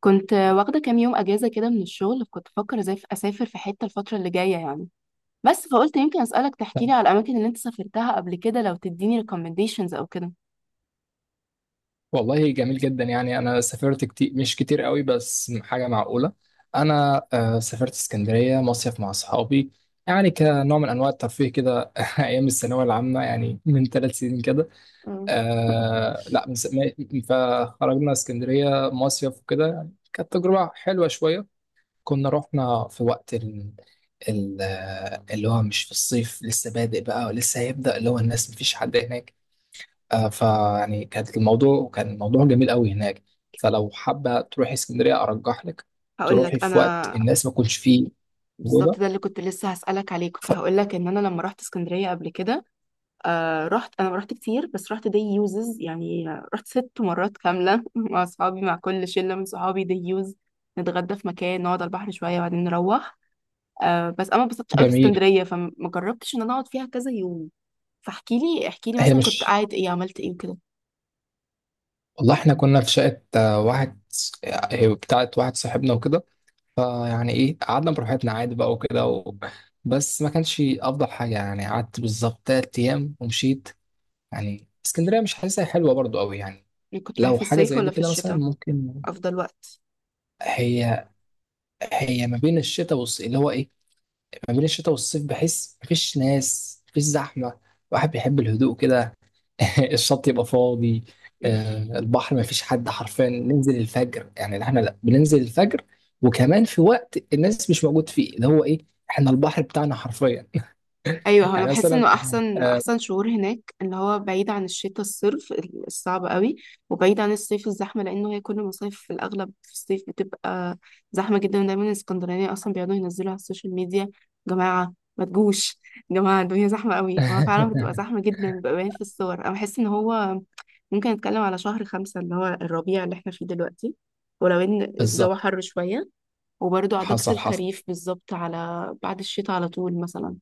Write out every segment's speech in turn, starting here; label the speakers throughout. Speaker 1: كنت واخدة كام يوم أجازة كده من الشغل، كنت بفكر ازاي أسافر في حتة الفترة اللي جاية يعني. بس فقلت يمكن أسألك
Speaker 2: طب،
Speaker 1: تحكيلي على الأماكن اللي أنت سافرتها قبل كده، لو تديني recommendations أو كده.
Speaker 2: والله جميل جدا، يعني انا سافرت كتير، مش كتير قوي، بس حاجه معقوله. انا سافرت اسكندريه مصيف مع اصحابي، يعني كنوع من انواع الترفيه كده. ايام الثانويه العامه، يعني من 3 سنين كده.
Speaker 1: مم.
Speaker 2: آه، لا، فخرجنا اسكندريه مصيف وكده، يعني كانت تجربه حلوه شويه. كنا رحنا في وقت ال- اللي هو مش في الصيف، لسه بادئ بقى ولسه هيبدأ، اللي هو الناس مفيش حد هناك. فيعني كان الموضوع جميل قوي هناك. فلو حابة تروحي اسكندرية، أرجح لك
Speaker 1: هقول
Speaker 2: تروحي
Speaker 1: لك انا.
Speaker 2: في وقت الناس ما تكونش فيه
Speaker 1: بالظبط
Speaker 2: موجودة.
Speaker 1: ده اللي كنت لسه هسألك عليه، كنت
Speaker 2: ف-
Speaker 1: هقول لك ان انا لما رحت اسكندرية قبل كده. رحت انا، ما رحت كتير بس رحت دي يوزز يعني. رحت 6 مرات كاملة مع اصحابي، مع كل شلة من صحابي دي يوز. نتغدى في مكان، نقعد على البحر شوية وبعدين نروح. بس انا ما اتبسطتش قوي في
Speaker 2: جميل.
Speaker 1: اسكندريه، فما جربتش ان انا اقعد فيها كذا يوم. فاحكي لي
Speaker 2: هي
Speaker 1: مثلا كنت
Speaker 2: مش
Speaker 1: قاعد ايه، عملت ايه وكده.
Speaker 2: والله احنا كنا في شقة، واحد، هي بتاعت واحد صاحبنا وكده. فيعني ايه، قعدنا براحتنا عادي بقى وكده بس ما كانش أفضل حاجة، يعني قعدت بالظبط 3 أيام ومشيت. يعني اسكندرية مش حاسسها حلوة برضو قوي يعني.
Speaker 1: يعني كنت رايح
Speaker 2: لو
Speaker 1: في
Speaker 2: حاجة
Speaker 1: الصيف
Speaker 2: زي
Speaker 1: ولا
Speaker 2: دي
Speaker 1: في
Speaker 2: كده مثلا
Speaker 1: الشتاء؟
Speaker 2: ممكن.
Speaker 1: افضل وقت؟
Speaker 2: هي هي ما بين الشتاء والصيف، اللي هو ايه ما بين الشتاء والصيف، بحس مفيش ناس، مفيش زحمة. الواحد بيحب الهدوء كده. الشط يبقى فاضي، البحر مفيش حد حرفيا. ننزل الفجر، يعني احنا لا بننزل الفجر، وكمان في وقت الناس مش موجود فيه، اللي هو ايه، احنا البحر بتاعنا حرفيا.
Speaker 1: ايوه، هو انا
Speaker 2: يعني
Speaker 1: بحس
Speaker 2: مثلا.
Speaker 1: انه احسن
Speaker 2: آه،
Speaker 1: احسن شهور هناك اللي هو بعيد عن الشتاء الصرف الصعب قوي، وبعيد عن الصيف الزحمه، لانه هي كل مصيف في الاغلب في الصيف بتبقى زحمه جدا. دايما الاسكندرانيه اصلا بيقعدوا ينزلوا على السوشيال ميديا: جماعه ما تجوش، يا جماعه الدنيا زحمه قوي، وهو فعلا بتبقى زحمه جدا، بيبقى باين في الصور. انا بحس ان هو ممكن نتكلم على شهر خمسة اللي هو الربيع اللي احنا فيه دلوقتي، ولو ان الجو
Speaker 2: بالظبط.
Speaker 1: حر شويه، وبرضه عضكة
Speaker 2: حصل، حصل،
Speaker 1: الخريف بالظبط، على بعد الشتاء على طول مثلا.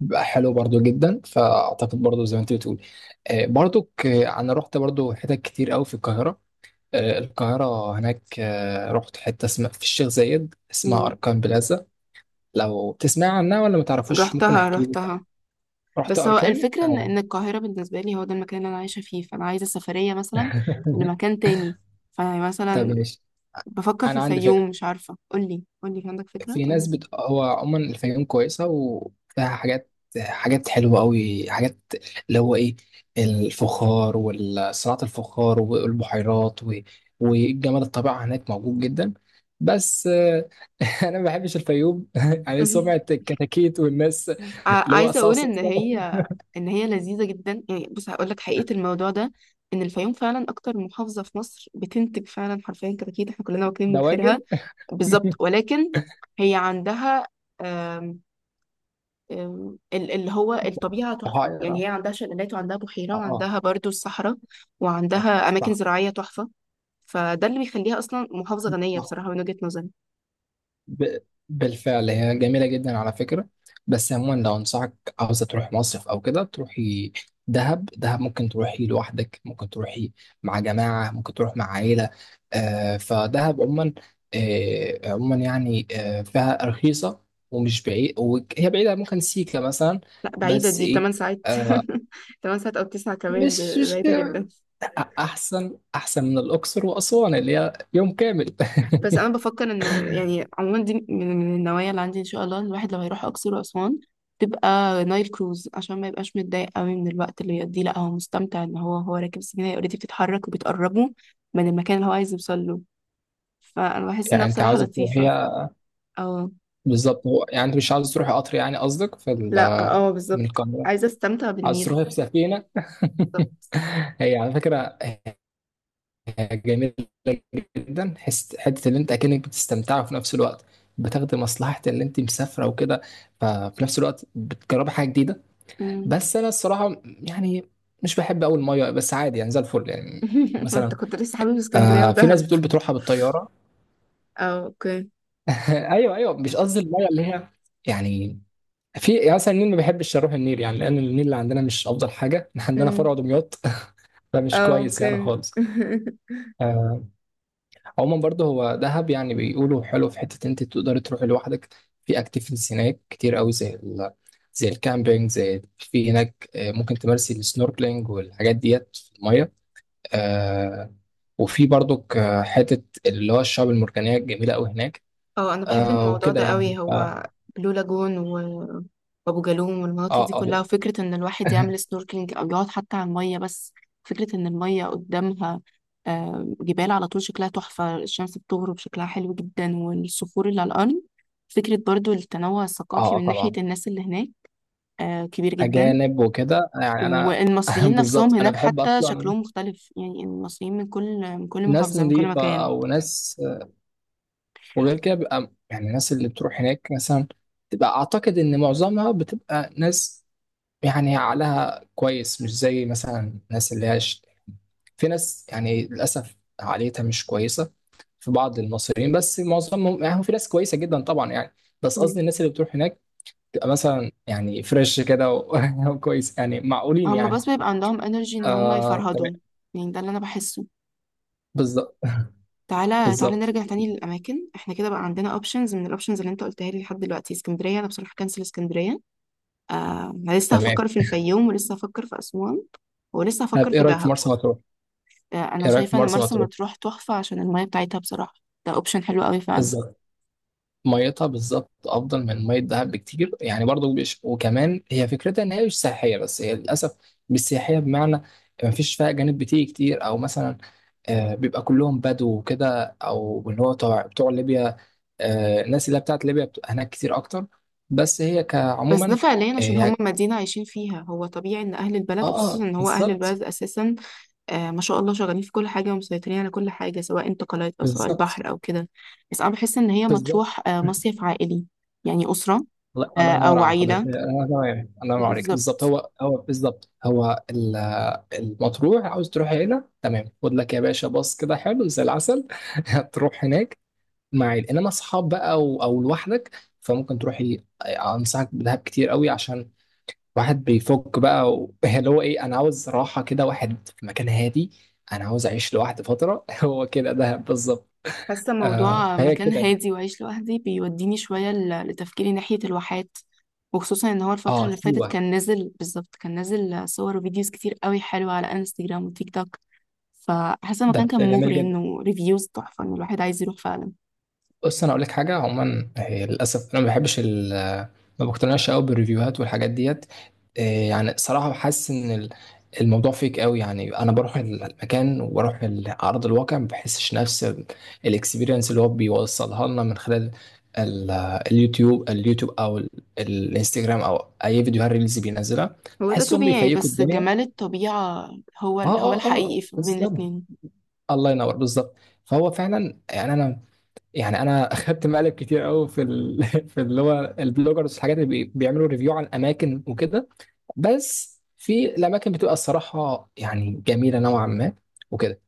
Speaker 2: بقى حلو برضو جدا، فاعتقد برضو زي ما انت بتقول. برضو انا رحت برضو حتت كتير قوي في القاهرة. القاهرة هناك. رحت حتة اسمها في الشيخ زايد، اسمها أركان بلازا. لو تسمع عنها ولا ما تعرفوش، ممكن
Speaker 1: رحتها
Speaker 2: أحكي لك.
Speaker 1: رحتها.
Speaker 2: رحت
Speaker 1: بس هو
Speaker 2: أركان.
Speaker 1: الفكرة ان إن القاهرة بالنسبة لي هو ده المكان اللي انا عايشة فيه، فانا عايزة سفرية مثلا لمكان تاني.
Speaker 2: طب
Speaker 1: فمثلا
Speaker 2: ماشي.
Speaker 1: بفكر في
Speaker 2: أنا عندي فكرة.
Speaker 1: الفيوم، مش عارفة، قولي قولي، في عندك فكرة؟ قولي.
Speaker 2: هو عموما الفيوم كويسة، وفيها حاجات حلوة أوي، حاجات اللي هو إيه، الفخار وصناعة الفخار والبحيرات والجمال، الطبيعة هناك موجود جدا. بس أنا ما بحبش الفيوم. يعني
Speaker 1: مهم.
Speaker 2: سمعة الكتاكيت والناس، اللي هو
Speaker 1: عايزة
Speaker 2: صو،
Speaker 1: اقول
Speaker 2: صو،
Speaker 1: ان
Speaker 2: صو،
Speaker 1: هي ان هي لذيذة جدا. يعني بص هقول لك حقيقة الموضوع ده. ان الفيوم فعلا اكتر محافظة في مصر بتنتج فعلا حرفيا كتاكيت، احنا كلنا واكلين من
Speaker 2: دواجن.
Speaker 1: خيرها، بالظبط، ولكن هي عندها اللي هو الطبيعة تحفة. يعني
Speaker 2: بحيرة.
Speaker 1: هي عندها شلالات وعندها بحيرة
Speaker 2: اه،
Speaker 1: وعندها برضو الصحراء،
Speaker 2: اه،
Speaker 1: وعندها أماكن
Speaker 2: صح،
Speaker 1: زراعية تحفة. فده اللي بيخليها أصلا محافظة غنية
Speaker 2: صح.
Speaker 1: بصراحة من وجهة نظري.
Speaker 2: ب... بالفعل هي جميلة جدا على فكرة. بس عموما، لو أنصحك، عاوزة تروح مصيف أو كده، تروحي دهب. دهب ممكن تروحي لوحدك، ممكن تروحي مع جماعة، ممكن تروح مع عائلة. فدهب عموما، عموما يعني، فيها رخيصة، ومش بعيد. وهي بعيدة، ممكن سيكا مثلا،
Speaker 1: لا بعيدة،
Speaker 2: بس
Speaker 1: دي
Speaker 2: إيه،
Speaker 1: 8 ساعات
Speaker 2: آه
Speaker 1: 8 ساعات أو 9 كمان،
Speaker 2: مش
Speaker 1: ده
Speaker 2: مش
Speaker 1: بعيدة جدا.
Speaker 2: أحسن من الأقصر وأسوان اللي هي يوم كامل.
Speaker 1: بس أنا بفكر إنه يعني عموما دي من النوايا اللي عندي إن شاء الله. الواحد لما يروح أقصر وأسوان تبقى نايل كروز، عشان ما يبقاش متضايق قوي من الوقت اللي يقضيه، لا هو مستمتع ان هو راكب السفينه، هي اوريدي بتتحرك وبتقربه من المكان اللي هو عايز يوصل له. فانا بحس انها
Speaker 2: يعني أنت
Speaker 1: بصراحه
Speaker 2: عاوزة
Speaker 1: لطيفه.
Speaker 2: تروحيها
Speaker 1: اه.
Speaker 2: بالظبط. هو يعني انت مش عاوز تروح قطر، يعني قصدك في ال
Speaker 1: لا اه
Speaker 2: من
Speaker 1: بالظبط،
Speaker 2: القاهرة،
Speaker 1: عايزه استمتع
Speaker 2: عاوز
Speaker 1: بالنيل.
Speaker 2: تروح في سفينة.
Speaker 1: بالظبط.
Speaker 2: هي على فكرة جميلة جدا، حس حتة اللي انت اكنك بتستمتع، وفي نفس الوقت بتاخدي مصلحة اللي انت مسافرة وكده. ففي نفس الوقت بتجربي حاجة جديدة.
Speaker 1: أمم.
Speaker 2: بس انا الصراحة يعني مش بحب اول مية، بس عادي يعني زي الفل يعني.
Speaker 1: انت
Speaker 2: مثلا
Speaker 1: كنت لسه حابب اسكندريه
Speaker 2: في ناس
Speaker 1: ودهب؟
Speaker 2: بتقول بتروحها بالطيارة.
Speaker 1: اه اوكي.
Speaker 2: ايوه، ايوه، مش قصدي المية اللي هي يعني. في، يعني مثلا النيل، ما بحبش اروح النيل يعني، لان النيل اللي عندنا مش افضل حاجه، إحنا عندنا فرع
Speaker 1: أمم.
Speaker 2: دمياط. فمش
Speaker 1: اه
Speaker 2: كويس يعني
Speaker 1: اوكي
Speaker 2: خالص. آه، عموما برضه، هو دهب يعني بيقولوا حلو، في حته انت تقدري تروحي لوحدك. في اكتيفيتيز هناك كتير قوي، زي الكامبينج، زي في هناك ممكن تمارسي السنوركلينج والحاجات ديت في الميه. آه، وفي برضه حته اللي هو الشعاب المرجانيه الجميله قوي هناك.
Speaker 1: اه انا بحب الموضوع
Speaker 2: وكده
Speaker 1: ده
Speaker 2: يعني
Speaker 1: قوي. هو
Speaker 2: اه،
Speaker 1: بلو لاجون و- وابو جالوم والمناطق
Speaker 2: اه.
Speaker 1: دي كلها، وفكره ان الواحد
Speaker 2: اه.
Speaker 1: يعمل سنوركلينج او يقعد حتى على الميه بس. فكره ان الميه قدامها، جبال على طول شكلها تحفه، الشمس بتغرب شكلها حلو جدا، والصخور اللي على الارض. فكره برضو التنوع الثقافي من ناحيه
Speaker 2: طبعا.
Speaker 1: الناس اللي هناك كبير جدا.
Speaker 2: أجانب وكده، يعني أنا.
Speaker 1: والمصريين نفسهم
Speaker 2: بالظبط. أنا
Speaker 1: هناك
Speaker 2: بحب
Speaker 1: حتى
Speaker 2: أصلا
Speaker 1: شكلهم مختلف، يعني المصريين من كل
Speaker 2: ناس
Speaker 1: محافظه، من كل
Speaker 2: نظيفة،
Speaker 1: مكان.
Speaker 2: أو ناس. وغير كده بيبقى يعني الناس اللي بتروح هناك مثلا، تبقى أعتقد إن معظمها بتبقى ناس يعني عقلها كويس، مش زي مثلا الناس اللي هاش. في ناس يعني للأسف عقليتها مش كويسة، في بعض المصريين، بس معظمهم يعني هو في ناس كويسة جدا طبعا يعني. بس قصدي الناس اللي بتروح هناك تبقى مثلا يعني فريش كده وكويس يعني معقولين
Speaker 1: هم
Speaker 2: يعني.
Speaker 1: بس بيبقى عندهم انرجي ان هم
Speaker 2: تمام،
Speaker 1: يفرهدوا، يعني ده اللي انا بحسه.
Speaker 2: بالظبط،
Speaker 1: تعالى تعالى
Speaker 2: بالظبط،
Speaker 1: نرجع تاني للاماكن. احنا كده بقى عندنا اوبشنز، من الاوبشنز اللي انت قلتها لي لحد دلوقتي اسكندريه، انا بصراحه كنسل اسكندريه آه أنا لسه
Speaker 2: تمام.
Speaker 1: هفكر في الفيوم، ولسه هفكر في اسوان، ولسه
Speaker 2: طب
Speaker 1: هفكر في دهب. انا
Speaker 2: ايه رايك في
Speaker 1: شايفه ان
Speaker 2: مرسى
Speaker 1: مرسى
Speaker 2: مطروح؟
Speaker 1: مطروح تحفه عشان الميه بتاعتها بصراحه. ده اوبشن حلو قوي فعلا.
Speaker 2: بالظبط. ميتها بالظبط افضل من ميه دهب بكتير يعني. برضو مش، وكمان هي فكرتها ان هي مش سياحيه، بس هي للاسف مش سياحيه. بمعنى ما فيش فيها اجانب بتيجي كتير، او مثلا بيبقى كلهم بدو وكده، او اللي هو بتوع ليبيا. الناس اللي هي بتاعت ليبيا بتبقى هناك كتير اكتر. بس هي
Speaker 1: بس ده
Speaker 2: كعموما.
Speaker 1: فعليا
Speaker 2: اه،
Speaker 1: عشان هم مدينه عايشين فيها، هو طبيعي ان اهل
Speaker 2: اه.
Speaker 1: البلد، وخصوصا ان هو اهل
Speaker 2: بالظبط،
Speaker 1: البلد اساسا ما شاء الله، شغالين في كل حاجة ومسيطرين على كل حاجة، سواء انتقالات أو سواء
Speaker 2: بالظبط،
Speaker 1: البحر أو كده. بس أنا بحس إن هي
Speaker 2: بالظبط.
Speaker 1: مطروح مصيف عائلي، يعني أسرة
Speaker 2: الله، الله ينور
Speaker 1: أو
Speaker 2: على حضرتك.
Speaker 1: عيلة.
Speaker 2: انا تمام، الله ينور عليك،
Speaker 1: بالظبط.
Speaker 2: بالظبط. هو بالظبط، المطروح، عاوز تروح هنا، تمام. خد لك يا باشا باص كده حلو زي العسل. تروح هناك مع عيل، انما اصحاب بقى، او لوحدك. فممكن تروح. انصحك بدهب كتير قوي، عشان واحد بيفك بقى اللي هو ايه، انا عاوز راحه كده، واحد في مكان هادي، انا عاوز اعيش لوحدي فتره. هو كده دهب بالظبط.
Speaker 1: حاسة موضوع
Speaker 2: فهي
Speaker 1: مكان
Speaker 2: كده.
Speaker 1: هادي وعيش لوحدي بيوديني شوية لتفكيري ناحية الواحات، وخصوصا إن هو الفترة
Speaker 2: اه،
Speaker 1: اللي فاتت
Speaker 2: سيوه.
Speaker 1: كان نازل بالظبط، كان نازل صور وفيديوز كتير قوي حلوة على انستجرام وتيك توك. فحاسة
Speaker 2: ده
Speaker 1: المكان
Speaker 2: ده
Speaker 1: كان
Speaker 2: جميل
Speaker 1: مغري،
Speaker 2: جدا.
Speaker 1: إنه ريفيوز تحفة، إن الواحد عايز يروح فعلا.
Speaker 2: بص، انا اقول لك حاجه، عموما هي للاسف انا ما بحبش ما بقتنعش قوي بالريفيوهات والحاجات ديت. إيه يعني صراحه، حاسس ان الموضوع فيك قوي يعني، انا بروح المكان وبروح ارض الواقع، ما بحسش نفس الاكسبيرينس اللي هو بيوصلها لنا من خلال ال- اليوتيوب، او الانستجرام، او اي فيديوهات ريلز بينزلها.
Speaker 1: هو ده
Speaker 2: بحسهم
Speaker 1: طبيعي
Speaker 2: بيفيكوا
Speaker 1: بس
Speaker 2: الدنيا.
Speaker 1: جمال الطبيعة
Speaker 2: اه،
Speaker 1: هو هو
Speaker 2: اه، اه،
Speaker 1: الحقيقي بين
Speaker 2: بالظبط،
Speaker 1: الاتنين.
Speaker 2: الله ينور، بالظبط. فهو فعلا يعني انا اخدت مقلب كتير قوي في في اللي هو البلوجرز، الحاجات اللي بيعملوا ريفيو على الاماكن وكده. بس في الاماكن بتبقى الصراحه يعني جميله نوعا ما، وكده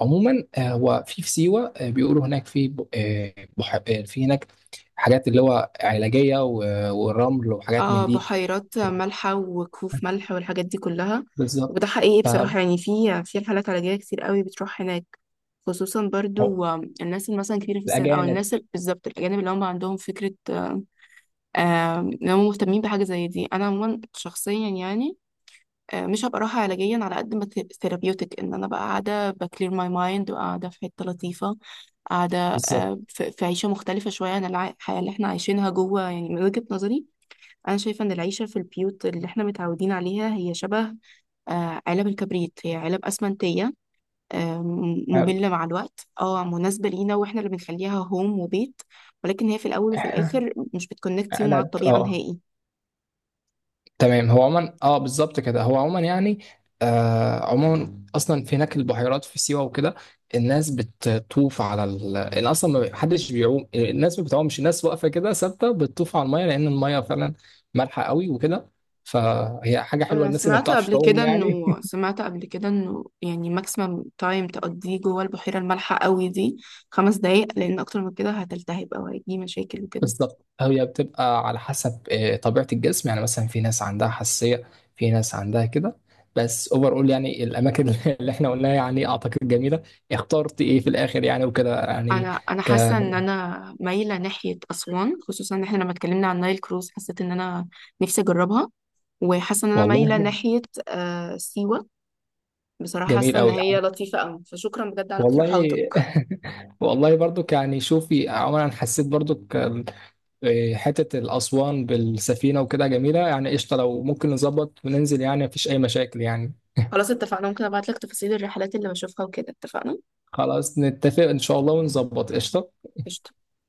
Speaker 2: عموما. هو في سيوه، بيقولوا هناك في ب... آه، بح... آه، في هناك حاجات اللي هو علاجيه والرمل، وحاجات من
Speaker 1: اه،
Speaker 2: دي.
Speaker 1: بحيرات مالحة وكهوف ملح والحاجات دي كلها.
Speaker 2: بالظبط.
Speaker 1: وده حقيقي
Speaker 2: ف
Speaker 1: بصراحة، يعني في رحلات علاجية كتير قوي بتروح هناك، خصوصا برضو الناس اللي مثلا كبيرة في السن، أو
Speaker 2: الاجانب،
Speaker 1: الناس بالظبط الأجانب اللي هم عندهم فكرة إن هم مهتمين بحاجة زي دي. أنا عموما شخصيا يعني مش هبقى راحة علاجيا على قد ما ثيرابيوتك، ان انا بقى قاعدة بكلير ماي مايند وقاعدة في حتة لطيفة، قاعدة
Speaker 2: بالظبط.
Speaker 1: في عيشة مختلفة شوية عن الحياة اللي احنا عايشينها جوه، يعني من وجهة نظري. أنا شايفة إن العيشة في البيوت اللي احنا متعودين عليها هي شبه علب الكبريت، هي علب أسمنتية
Speaker 2: آه،
Speaker 1: مملة مع الوقت، اه مناسبة لينا واحنا اللي بنخليها هوم وبيت، ولكن هي في الأول وفي الآخر مش بتكونكت يو مع
Speaker 2: انا
Speaker 1: الطبيعة
Speaker 2: اه
Speaker 1: نهائي.
Speaker 2: تمام. هو عموما اه بالظبط كده، هو عموما يعني. عموما اصلا في هناك البحيرات في سيوه وكده. الناس بتطوف على ان اصلا، ما حدش بيعوم، الناس ما بتعومش، الناس واقفه كده ثابته، بتطوف على الميه، لان الميه فعلا مالحه قوي وكده. فهي حاجه حلوه،
Speaker 1: انا
Speaker 2: الناس اللي ما
Speaker 1: سمعت
Speaker 2: بتعرفش
Speaker 1: قبل كده
Speaker 2: تعوم يعني.
Speaker 1: انه، سمعت قبل كده انه يعني ماكسيمم تايم تقضيه جوه البحيره المالحه قوي دي 5 دقايق، لان اكتر من كده هتلتهب او هيجي مشاكل وكده.
Speaker 2: بالظبط، هي بتبقى على حسب طبيعة الجسم، يعني مثلا في ناس عندها حساسية، في ناس عندها كده. بس اوفر اول يعني الاماكن اللي احنا قلناها يعني اعتقد جميلة. اخترت ايه في الاخر يعني وكده يعني؟
Speaker 1: انا
Speaker 2: ك
Speaker 1: حاسه ان انا مايله ناحيه اسوان، خصوصا ان احنا لما اتكلمنا عن نايل كروز حسيت ان انا نفسي اجربها. وحاسه ان انا مايله
Speaker 2: والله
Speaker 1: ناحيه سيوه. بصراحه حاسه
Speaker 2: جميل
Speaker 1: ان
Speaker 2: قوي
Speaker 1: هي
Speaker 2: يعني،
Speaker 1: لطيفه قوي، فشكرا بجد على
Speaker 2: والله.
Speaker 1: اقتراحاتك.
Speaker 2: والله برضك يعني. شوفي عموما، انا حسيت برضك حتة الاسوان بالسفينة وكده جميلة يعني. قشطة، لو ممكن نظبط وننزل، يعني مفيش اي مشاكل يعني.
Speaker 1: خلاص اتفقنا، ممكن ابعت لك تفاصيل الرحلات اللي بشوفها وكده. اتفقنا.
Speaker 2: خلاص نتفق ان شاء الله ونظبط، قشطة.
Speaker 1: قشطة.